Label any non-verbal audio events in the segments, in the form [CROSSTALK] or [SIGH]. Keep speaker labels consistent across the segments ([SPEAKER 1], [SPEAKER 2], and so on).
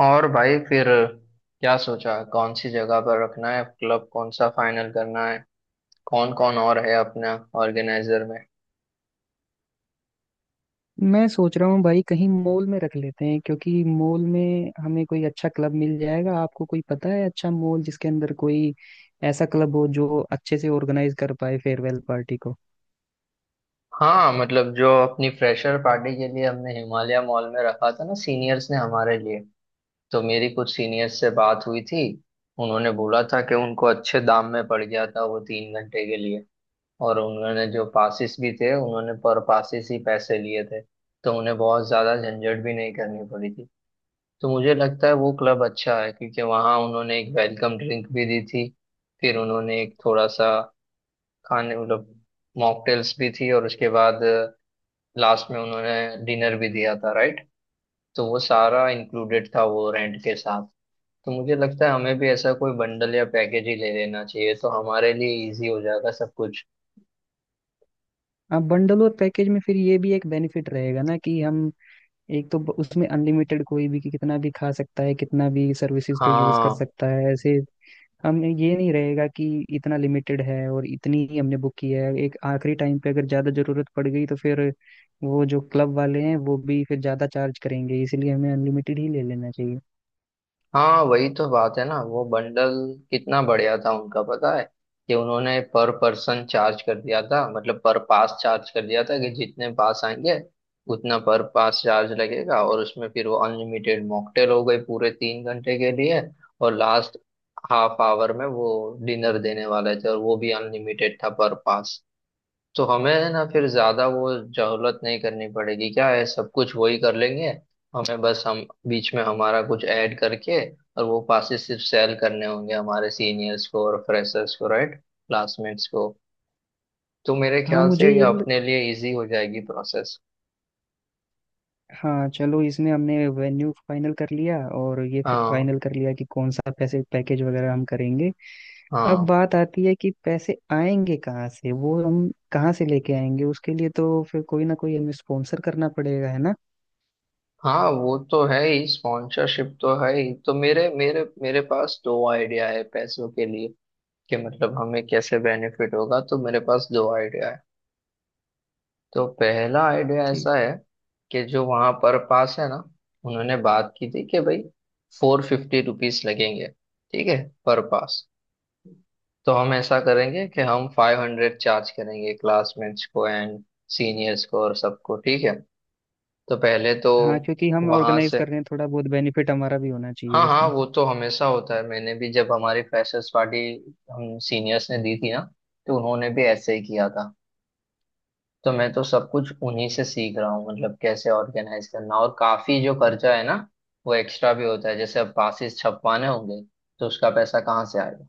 [SPEAKER 1] और भाई फिर क्या सोचा कौन सी जगह पर रखना है, क्लब कौन सा फाइनल करना है। कौन कौन और है अपना ऑर्गेनाइजर में।
[SPEAKER 2] मैं सोच रहा हूँ भाई, कहीं मॉल में रख लेते हैं, क्योंकि मॉल में हमें कोई अच्छा क्लब मिल जाएगा। आपको कोई पता है अच्छा मॉल, जिसके अंदर कोई ऐसा क्लब हो जो अच्छे से ऑर्गेनाइज कर पाए फेयरवेल पार्टी को?
[SPEAKER 1] हाँ मतलब जो अपनी फ्रेशर पार्टी के लिए हमने हिमालय मॉल में रखा था ना, सीनियर्स ने हमारे लिए। तो मेरी कुछ सीनियर्स से बात हुई थी। उन्होंने बोला था कि उनको अच्छे दाम में पड़ गया था वो 3 घंटे के लिए। और उन्होंने जो पासिस भी थे उन्होंने पर पासिस ही पैसे लिए थे। तो उन्हें बहुत ज्यादा झंझट भी नहीं करनी पड़ी थी। तो मुझे लगता है वो क्लब अच्छा है, क्योंकि वहाँ उन्होंने एक वेलकम ड्रिंक भी दी थी। फिर उन्होंने एक थोड़ा सा खाने मतलब मॉकटेल्स भी थी, और उसके बाद लास्ट में उन्होंने डिनर भी दिया था, राइट। तो वो सारा इंक्लूडेड था वो रेंट के साथ। तो मुझे लगता है हमें भी ऐसा कोई बंडल या पैकेज ही ले लेना चाहिए, तो हमारे लिए इजी हो जाएगा सब कुछ।
[SPEAKER 2] अब बंडल और पैकेज में फिर ये भी एक बेनिफिट रहेगा ना, कि हम एक तो उसमें अनलिमिटेड कोई भी, कि कितना भी खा सकता है, कितना भी सर्विसेज को यूज कर
[SPEAKER 1] हाँ,
[SPEAKER 2] सकता है ऐसे। हम ये नहीं रहेगा कि इतना लिमिटेड है और इतनी ही हमने बुक की है, एक आखिरी टाइम पे अगर ज़्यादा ज़रूरत पड़ गई तो फिर वो जो क्लब वाले हैं वो भी फिर ज़्यादा चार्ज करेंगे, इसीलिए हमें अनलिमिटेड ही ले लेना चाहिए।
[SPEAKER 1] हाँ, वही तो बात है ना। वो बंडल कितना बढ़िया था उनका, पता है। कि उन्होंने पर पर्सन चार्ज कर दिया था, मतलब पर पास चार्ज कर दिया था। कि जितने पास आएंगे उतना पर पास चार्ज लगेगा, और उसमें फिर वो अनलिमिटेड मॉकटेल हो गई पूरे 3 घंटे के लिए। और लास्ट हाफ आवर में वो डिनर देने वाले थे, और वो भी अनलिमिटेड था पर पास। तो हमें है ना फिर ज्यादा वो जहलत नहीं करनी पड़ेगी, क्या है सब कुछ वही कर लेंगे। हमें बस हम बीच में हमारा कुछ ऐड करके और वो पासेस सिर्फ सेल करने होंगे हमारे सीनियर्स को और फ्रेशर्स को, राइट, क्लासमेट्स को। तो मेरे
[SPEAKER 2] हाँ,
[SPEAKER 1] ख्याल से
[SPEAKER 2] मुझे
[SPEAKER 1] ये
[SPEAKER 2] ये भी
[SPEAKER 1] अपने लिए इजी हो जाएगी प्रोसेस।
[SPEAKER 2] हाँ चलो, इसमें हमने वेन्यू फाइनल कर लिया और ये फिर
[SPEAKER 1] हाँ,
[SPEAKER 2] फाइनल कर लिया कि कौन सा पैसे पैकेज वगैरह हम करेंगे। अब
[SPEAKER 1] हाँ,
[SPEAKER 2] बात आती है कि पैसे आएंगे कहाँ से, वो हम कहाँ से लेके आएंगे? उसके लिए तो फिर कोई ना कोई हमें स्पॉन्सर करना पड़ेगा, है ना?
[SPEAKER 1] हाँ, वो तो है ही, स्पॉन्सरशिप तो है ही। तो मेरे मेरे मेरे पास दो आइडिया है पैसों के लिए। कि मतलब हमें कैसे बेनिफिट होगा, तो मेरे पास दो आइडिया है। तो पहला आइडिया
[SPEAKER 2] ठीक।
[SPEAKER 1] ऐसा है कि जो वहां पर पास है ना, उन्होंने बात की थी कि भाई 450 रुपीज लगेंगे, ठीक है, पर पास। तो हम ऐसा करेंगे कि हम 500 चार्ज करेंगे क्लासमेट्स को एंड सीनियर्स को और सबको, ठीक है। तो पहले तो
[SPEAKER 2] हाँ, क्योंकि हम
[SPEAKER 1] वहां
[SPEAKER 2] ऑर्गेनाइज
[SPEAKER 1] से।
[SPEAKER 2] कर रहे हैं, थोड़ा बहुत बेनिफिट हमारा भी होना चाहिए
[SPEAKER 1] हाँ, हाँ,
[SPEAKER 2] उसमें।
[SPEAKER 1] वो तो हमेशा होता है। मैंने भी जब हमारी फ्रेशर्स पार्टी हम सीनियर्स ने दी थी ना, तो उन्होंने भी ऐसे ही किया था। तो मैं तो सब कुछ उन्हीं से सीख रहा हूँ, मतलब कैसे ऑर्गेनाइज करना। और काफी जो खर्चा है ना, वो एक्स्ट्रा भी होता है, जैसे अब पासिस छपवाने होंगे, तो उसका पैसा कहाँ से आएगा।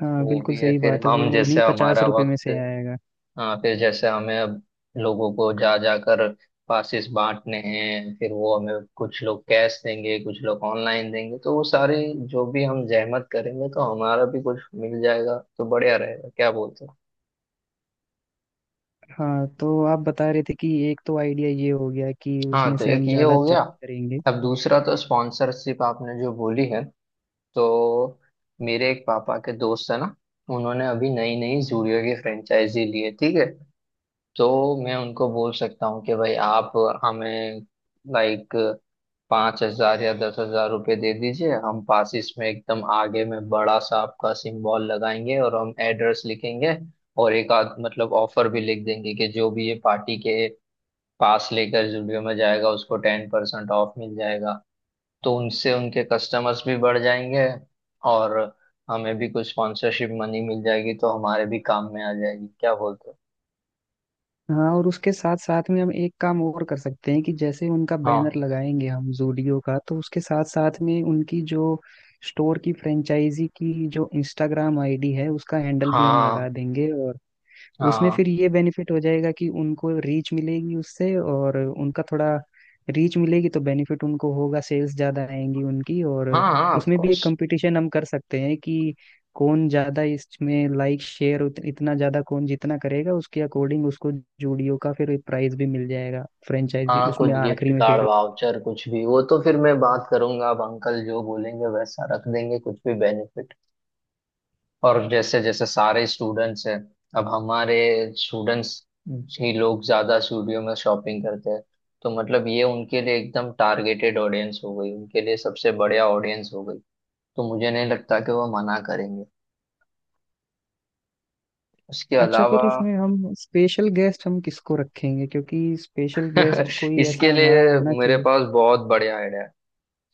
[SPEAKER 2] हाँ
[SPEAKER 1] वो
[SPEAKER 2] बिल्कुल
[SPEAKER 1] भी है,
[SPEAKER 2] सही
[SPEAKER 1] फिर
[SPEAKER 2] बात है,
[SPEAKER 1] हम
[SPEAKER 2] वो
[SPEAKER 1] जैसे
[SPEAKER 2] नहीं 50
[SPEAKER 1] हमारा
[SPEAKER 2] रुपए में
[SPEAKER 1] वक्त।
[SPEAKER 2] से आएगा।
[SPEAKER 1] हाँ, फिर जैसे हमें अब लोगों को जा जाकर पासिस बांटने हैं, फिर वो हमें कुछ लोग कैश देंगे कुछ लोग ऑनलाइन देंगे। तो वो सारी जो भी हम जहमत करेंगे, तो हमारा भी कुछ मिल जाएगा, तो बढ़िया रहेगा, क्या बोलते हो।
[SPEAKER 2] हाँ तो आप बता रहे थे कि एक तो आइडिया ये हो गया कि
[SPEAKER 1] हाँ,
[SPEAKER 2] उसमें
[SPEAKER 1] तो
[SPEAKER 2] से
[SPEAKER 1] एक
[SPEAKER 2] हम
[SPEAKER 1] ये
[SPEAKER 2] ज्यादा
[SPEAKER 1] हो गया।
[SPEAKER 2] चार्ज करेंगे।
[SPEAKER 1] अब दूसरा, तो स्पॉन्सरशिप आपने जो बोली है, तो मेरे एक पापा के दोस्त है ना, उन्होंने अभी नई नई जूडियो की फ्रेंचाइजी ली है, ठीक है। तो मैं उनको बोल सकता हूँ कि भाई आप हमें, लाइक, 5,000 या 10,000 रुपये दे दीजिए। हम पासिस में एकदम आगे में बड़ा सा आपका सिंबल लगाएंगे और हम एड्रेस लिखेंगे, और एक आध मतलब ऑफर भी लिख देंगे, कि जो भी ये पार्टी के पास लेकर जुडियो में जाएगा उसको 10% ऑफ मिल जाएगा। तो उनसे उनके कस्टमर्स भी बढ़ जाएंगे, और हमें भी कुछ स्पॉन्सरशिप मनी मिल जाएगी, तो हमारे भी काम में आ जाएगी, क्या बोलते हो।
[SPEAKER 2] हाँ और उसके साथ साथ में हम एक काम और कर सकते हैं कि जैसे उनका बैनर
[SPEAKER 1] हाँ,
[SPEAKER 2] लगाएंगे हम जूडियो का, तो उसके साथ साथ में उनकी जो स्टोर की फ्रेंचाइजी की जो इंस्टाग्राम आईडी है उसका हैंडल भी हम लगा
[SPEAKER 1] हाँ,
[SPEAKER 2] देंगे। और उसमें
[SPEAKER 1] हाँ,
[SPEAKER 2] फिर ये बेनिफिट हो जाएगा कि उनको रीच मिलेगी उससे और उनका थोड़ा रीच मिलेगी तो बेनिफिट उनको होगा, सेल्स ज़्यादा आएंगी उनकी। और
[SPEAKER 1] हाँ, हाँ, ऑफ
[SPEAKER 2] उसमें भी एक
[SPEAKER 1] कोर्स।
[SPEAKER 2] कंपटीशन हम कर सकते हैं कि कौन ज़्यादा इसमें लाइक शेयर, इतना ज़्यादा कौन जितना करेगा उसके अकॉर्डिंग उसको जूडियो का फिर प्राइस भी मिल जाएगा फ्रेंचाइजी,
[SPEAKER 1] हाँ, कुछ
[SPEAKER 2] उसमें
[SPEAKER 1] गिफ्ट
[SPEAKER 2] आखिरी में
[SPEAKER 1] कार्ड
[SPEAKER 2] फिर।
[SPEAKER 1] वाउचर कुछ भी, वो तो फिर मैं बात करूंगा। अब अंकल जो बोलेंगे वैसा रख देंगे, कुछ भी बेनिफिट। और जैसे जैसे सारे स्टूडेंट्स हैं, अब हमारे स्टूडेंट्स ही लोग ज्यादा स्टूडियो में शॉपिंग करते हैं। तो मतलब ये उनके लिए एकदम टारगेटेड ऑडियंस हो गई, उनके लिए सबसे बढ़िया ऑडियंस हो गई। तो मुझे नहीं लगता कि वो मना करेंगे। उसके
[SPEAKER 2] अच्छा,
[SPEAKER 1] अलावा
[SPEAKER 2] फिर इसमें हम स्पेशल गेस्ट हम किसको रखेंगे, क्योंकि स्पेशल गेस्ट
[SPEAKER 1] [LAUGHS]
[SPEAKER 2] कोई
[SPEAKER 1] इसके
[SPEAKER 2] ऐसा
[SPEAKER 1] लिए
[SPEAKER 2] हमारा होना
[SPEAKER 1] मेरे
[SPEAKER 2] चाहिए।
[SPEAKER 1] पास बहुत बढ़िया आइडिया है।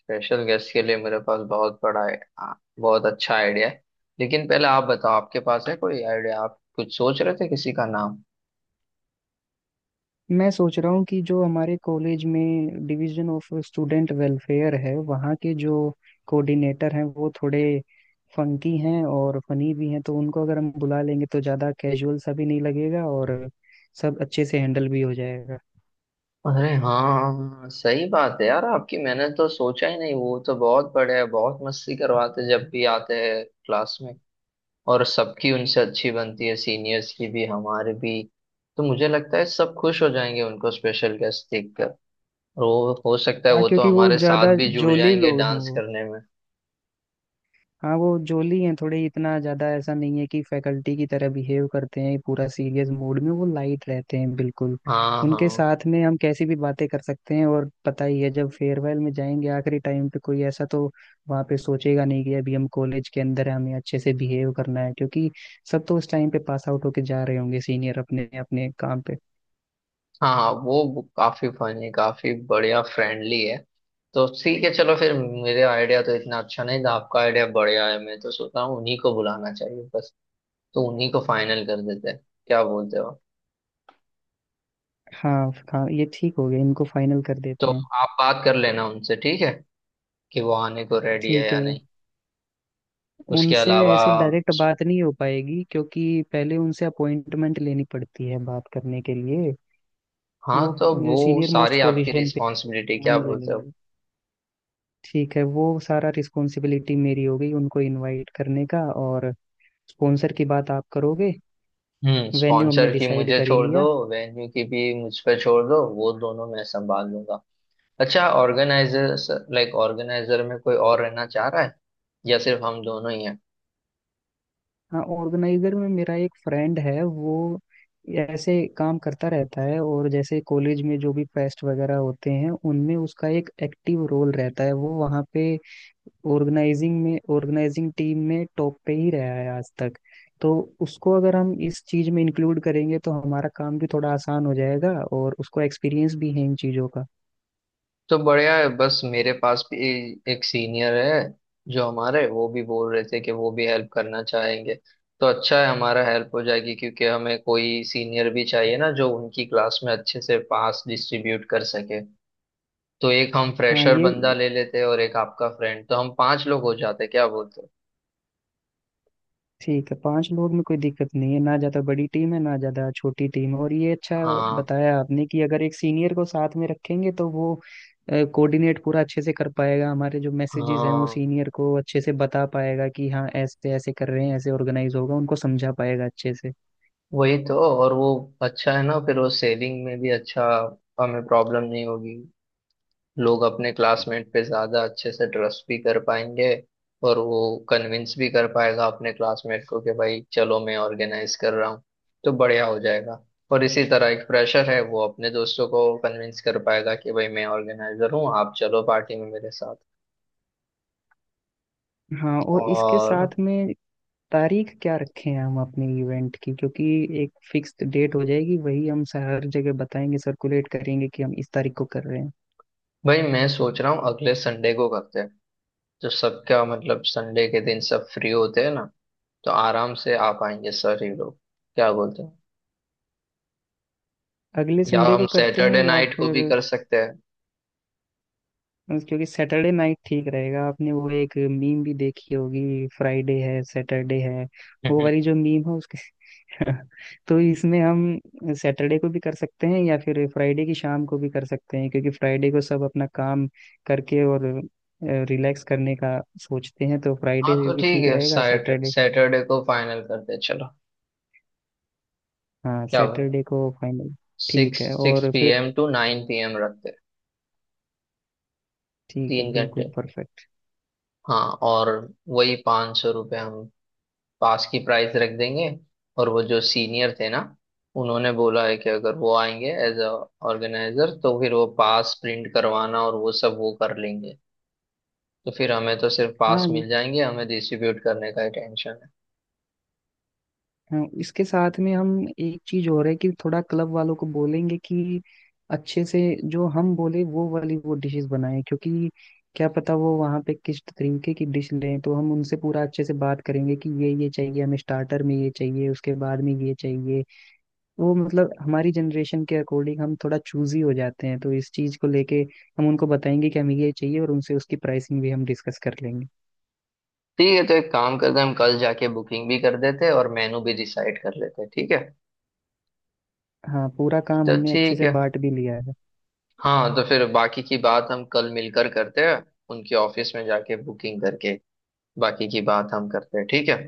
[SPEAKER 1] स्पेशल गेस्ट के लिए मेरे पास बहुत बड़ा आ, बहुत अच्छा आइडिया है। लेकिन पहले आप बताओ, आपके पास है कोई आइडिया, आप कुछ सोच रहे थे किसी का नाम।
[SPEAKER 2] मैं सोच रहा हूँ कि जो हमारे कॉलेज में डिवीजन ऑफ स्टूडेंट वेलफेयर है वहाँ के जो कोऑर्डिनेटर हैं वो थोड़े फंकी हैं और फनी भी हैं, तो उनको अगर हम बुला लेंगे तो ज़्यादा कैजुअल सा भी नहीं लगेगा और सब अच्छे से हैंडल भी हो जाएगा।
[SPEAKER 1] अरे हाँ सही बात है यार आपकी, मैंने तो सोचा ही नहीं। वो तो बहुत बड़े हैं, बहुत मस्ती करवाते जब भी आते हैं क्लास में। और सबकी उनसे अच्छी बनती है, सीनियर्स की भी हमारे भी। तो मुझे लगता है सब खुश हो जाएंगे उनको स्पेशल गेस्ट देखकर। और वो हो सकता है
[SPEAKER 2] हाँ
[SPEAKER 1] वो तो
[SPEAKER 2] क्योंकि वो
[SPEAKER 1] हमारे साथ
[SPEAKER 2] ज़्यादा
[SPEAKER 1] भी जुड़
[SPEAKER 2] जोली
[SPEAKER 1] जाएंगे
[SPEAKER 2] लोग हैं
[SPEAKER 1] डांस
[SPEAKER 2] वो।
[SPEAKER 1] करने में।
[SPEAKER 2] हाँ वो जोली हैं थोड़े, इतना ज्यादा ऐसा नहीं है कि फैकल्टी की तरह बिहेव करते हैं पूरा सीरियस मूड में, वो लाइट रहते हैं बिल्कुल।
[SPEAKER 1] हाँ,
[SPEAKER 2] उनके
[SPEAKER 1] हाँ,
[SPEAKER 2] साथ में हम कैसी भी बातें कर सकते हैं और पता ही है, जब फेयरवेल में जाएंगे आखिरी टाइम पे कोई ऐसा तो वहाँ पे सोचेगा नहीं कि अभी हम कॉलेज के अंदर है, हमें अच्छे से बिहेव करना है, क्योंकि सब तो उस टाइम पे पास आउट होके जा रहे होंगे सीनियर अपने अपने काम पे।
[SPEAKER 1] हाँ, हाँ, वो काफी फनी काफी बढ़िया फ्रेंडली है। तो ठीक है, चलो फिर। मेरे आइडिया तो इतना अच्छा नहीं था, आपका आइडिया बढ़िया है। मैं तो सोच रहा हूँ उन्हीं को बुलाना चाहिए बस। तो उन्हीं को फाइनल कर देते हैं, क्या बोलते हो।
[SPEAKER 2] हाँ हाँ, ये ठीक हो गया, इनको फाइनल कर
[SPEAKER 1] तो
[SPEAKER 2] देते हैं।
[SPEAKER 1] आप बात कर लेना उनसे, ठीक है, कि वो आने को रेडी है
[SPEAKER 2] ठीक है।
[SPEAKER 1] या नहीं। उसके
[SPEAKER 2] उनसे
[SPEAKER 1] अलावा,
[SPEAKER 2] ऐसे डायरेक्ट बात नहीं हो पाएगी, क्योंकि पहले उनसे अपॉइंटमेंट लेनी पड़ती है बात करने के लिए।
[SPEAKER 1] हाँ,
[SPEAKER 2] वो
[SPEAKER 1] तो वो
[SPEAKER 2] सीनियर मोस्ट
[SPEAKER 1] सारी आपकी
[SPEAKER 2] पोजीशन पे है।
[SPEAKER 1] रिस्पॉन्सिबिलिटी, क्या
[SPEAKER 2] नाम ले
[SPEAKER 1] बोलते हो।
[SPEAKER 2] लेंगे। ठीक है, वो सारा रिस्पॉन्सिबिलिटी मेरी हो गई उनको इनवाइट करने का। और स्पॉन्सर की बात आप करोगे।
[SPEAKER 1] हम्म,
[SPEAKER 2] वेन्यू हमने
[SPEAKER 1] स्पॉन्सर की
[SPEAKER 2] डिसाइड
[SPEAKER 1] मुझे
[SPEAKER 2] कर ही
[SPEAKER 1] छोड़ दो।
[SPEAKER 2] लिया।
[SPEAKER 1] वेन्यू की भी मुझ पे छोड़ दो, वो दोनों मैं संभाल लूंगा। अच्छा, ऑर्गेनाइजर, लाइक ऑर्गेनाइजर में कोई और रहना चाह रहा है, या सिर्फ हम दोनों ही हैं।
[SPEAKER 2] हाँ ऑर्गेनाइजर में मेरा एक फ्रेंड है, वो ऐसे काम करता रहता है और जैसे कॉलेज में जो भी फेस्ट वगैरह होते हैं उनमें उसका एक एक्टिव रोल रहता है, वो वहाँ पे ऑर्गेनाइजिंग में ऑर्गेनाइजिंग टीम में टॉप पे ही रहा है आज तक। तो उसको अगर हम इस चीज में इंक्लूड करेंगे तो हमारा काम भी थोड़ा आसान हो जाएगा और उसको एक्सपीरियंस भी है इन चीजों का।
[SPEAKER 1] तो बढ़िया है, बस मेरे पास भी एक सीनियर है जो हमारे, वो भी बोल रहे थे कि वो भी हेल्प करना चाहेंगे। तो अच्छा है, हमारा हेल्प हो जाएगी, क्योंकि हमें कोई सीनियर भी चाहिए ना जो उनकी क्लास में अच्छे से पास डिस्ट्रीब्यूट कर सके। तो एक हम
[SPEAKER 2] हाँ
[SPEAKER 1] फ्रेशर
[SPEAKER 2] ये
[SPEAKER 1] बंदा ले लेते और एक आपका फ्रेंड, तो हम पांच लोग हो जाते, क्या बोलते हो।
[SPEAKER 2] ठीक है, पांच लोग में कोई दिक्कत नहीं है, ना ज्यादा बड़ी टीम है ना ज्यादा छोटी टीम है। और ये अच्छा
[SPEAKER 1] हाँ,
[SPEAKER 2] बताया आपने कि अगर एक सीनियर को साथ में रखेंगे तो वो कोऑर्डिनेट पूरा अच्छे से कर पाएगा, हमारे जो मैसेजेस हैं वो
[SPEAKER 1] हाँ,
[SPEAKER 2] सीनियर को अच्छे से बता पाएगा कि हाँ ऐसे ऐसे कर रहे हैं, ऐसे ऑर्गेनाइज होगा, उनको समझा पाएगा अच्छे से।
[SPEAKER 1] वही तो। और वो अच्छा है ना, फिर वो सेविंग में भी अच्छा, हमें प्रॉब्लम नहीं होगी। लोग अपने क्लासमेट पे ज्यादा अच्छे से ट्रस्ट भी कर पाएंगे। और वो कन्विंस भी कर पाएगा अपने क्लासमेट को कि भाई चलो मैं ऑर्गेनाइज कर रहा हूँ, तो बढ़िया हो जाएगा। और इसी तरह एक प्रेशर है, वो अपने दोस्तों को कन्विंस कर पाएगा कि भाई मैं ऑर्गेनाइजर हूँ, आप चलो पार्टी में मेरे साथ।
[SPEAKER 2] हाँ और इसके
[SPEAKER 1] और
[SPEAKER 2] साथ में तारीख क्या रखें हम अपने इवेंट की, क्योंकि एक फिक्स डेट हो जाएगी, वही हम हर जगह बताएंगे, सर्कुलेट करेंगे कि हम इस तारीख को कर रहे हैं।
[SPEAKER 1] भाई मैं सोच रहा हूँ अगले संडे को करते हैं। तो सबका मतलब संडे के दिन सब फ्री होते हैं ना, तो आराम से आ पाएंगे सर ही लोग, क्या बोलते हैं।
[SPEAKER 2] अगले
[SPEAKER 1] या
[SPEAKER 2] संडे
[SPEAKER 1] हम
[SPEAKER 2] को करते हैं
[SPEAKER 1] सैटरडे
[SPEAKER 2] या
[SPEAKER 1] नाइट को भी
[SPEAKER 2] फिर?
[SPEAKER 1] कर सकते
[SPEAKER 2] बस क्योंकि सैटरडे नाइट ठीक रहेगा, आपने वो एक मीम भी देखी होगी, फ्राइडे है सैटरडे है, वो वाली
[SPEAKER 1] हैं।
[SPEAKER 2] जो मीम है उसके। [LAUGHS] तो इसमें हम सैटरडे को भी कर सकते हैं या फिर फ्राइडे की शाम को भी कर सकते हैं, क्योंकि फ्राइडे को सब अपना काम करके और रिलैक्स करने का सोचते हैं, तो
[SPEAKER 1] [LAUGHS]
[SPEAKER 2] फ्राइडे
[SPEAKER 1] हाँ, तो
[SPEAKER 2] भी
[SPEAKER 1] ठीक
[SPEAKER 2] ठीक
[SPEAKER 1] है,
[SPEAKER 2] रहेगा सैटरडे।
[SPEAKER 1] सैटरडे को फाइनल करते हैं, चलो।
[SPEAKER 2] हाँ
[SPEAKER 1] क्या बोलो,
[SPEAKER 2] सैटरडे को फाइनल। ठीक
[SPEAKER 1] सिक्स
[SPEAKER 2] है
[SPEAKER 1] सिक्स
[SPEAKER 2] और
[SPEAKER 1] पी
[SPEAKER 2] फिर
[SPEAKER 1] M to nine P M रखते हैं,
[SPEAKER 2] ठीक है,
[SPEAKER 1] तीन
[SPEAKER 2] बिल्कुल
[SPEAKER 1] घंटे
[SPEAKER 2] परफेक्ट।
[SPEAKER 1] हाँ, और वही 500 रुपये हम पास की प्राइस रख देंगे। और वो जो सीनियर थे ना, उन्होंने बोला है कि अगर वो आएंगे एज अ ऑर्गेनाइजर तो फिर वो पास प्रिंट करवाना और वो सब वो कर लेंगे। तो फिर हमें तो सिर्फ पास
[SPEAKER 2] हाँ
[SPEAKER 1] मिल जाएंगे, हमें डिस्ट्रीब्यूट करने का ही टेंशन है।
[SPEAKER 2] हाँ, इसके साथ में हम एक चीज और है कि थोड़ा क्लब वालों को बोलेंगे कि अच्छे से जो हम बोले वो वाली वो डिशेस बनाएं, क्योंकि क्या पता वो वहाँ पे किस तरीके की डिश लें। तो हम उनसे पूरा अच्छे से बात करेंगे कि ये चाहिए हमें स्टार्टर में, ये चाहिए उसके बाद में, ये चाहिए वो। मतलब हमारी जनरेशन के अकॉर्डिंग हम थोड़ा चूजी हो जाते हैं, तो इस चीज को लेके हम उनको बताएंगे कि हमें ये चाहिए और उनसे उसकी प्राइसिंग भी हम डिस्कस कर लेंगे।
[SPEAKER 1] ठीक है, तो एक काम करते हैं, हम कल जाके बुकिंग भी कर देते हैं और मेनू भी डिसाइड कर लेते हैं, ठीक है।
[SPEAKER 2] हाँ पूरा काम
[SPEAKER 1] तो
[SPEAKER 2] हमने अच्छे
[SPEAKER 1] ठीक
[SPEAKER 2] से
[SPEAKER 1] है,
[SPEAKER 2] बांट भी लिया है।
[SPEAKER 1] हाँ, तो फिर बाकी की बात हम कल मिलकर करते हैं, उनके ऑफिस में जाके बुकिंग करके बाकी की बात हम करते हैं, ठीक है।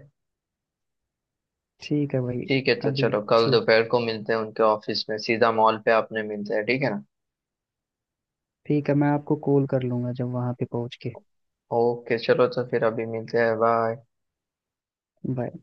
[SPEAKER 2] ठीक है भाई।
[SPEAKER 1] ठीक है, तो
[SPEAKER 2] अभी
[SPEAKER 1] चलो कल
[SPEAKER 2] ठीक।
[SPEAKER 1] दोपहर को मिलते हैं उनके ऑफिस में, सीधा मॉल पे आपने मिलते हैं, ठीक है ना।
[SPEAKER 2] ठीक है, मैं आपको कॉल कर लूंगा जब वहां पे पहुंच के।
[SPEAKER 1] ओके चलो, तो फिर अभी मिलते हैं, बाय।
[SPEAKER 2] बाय।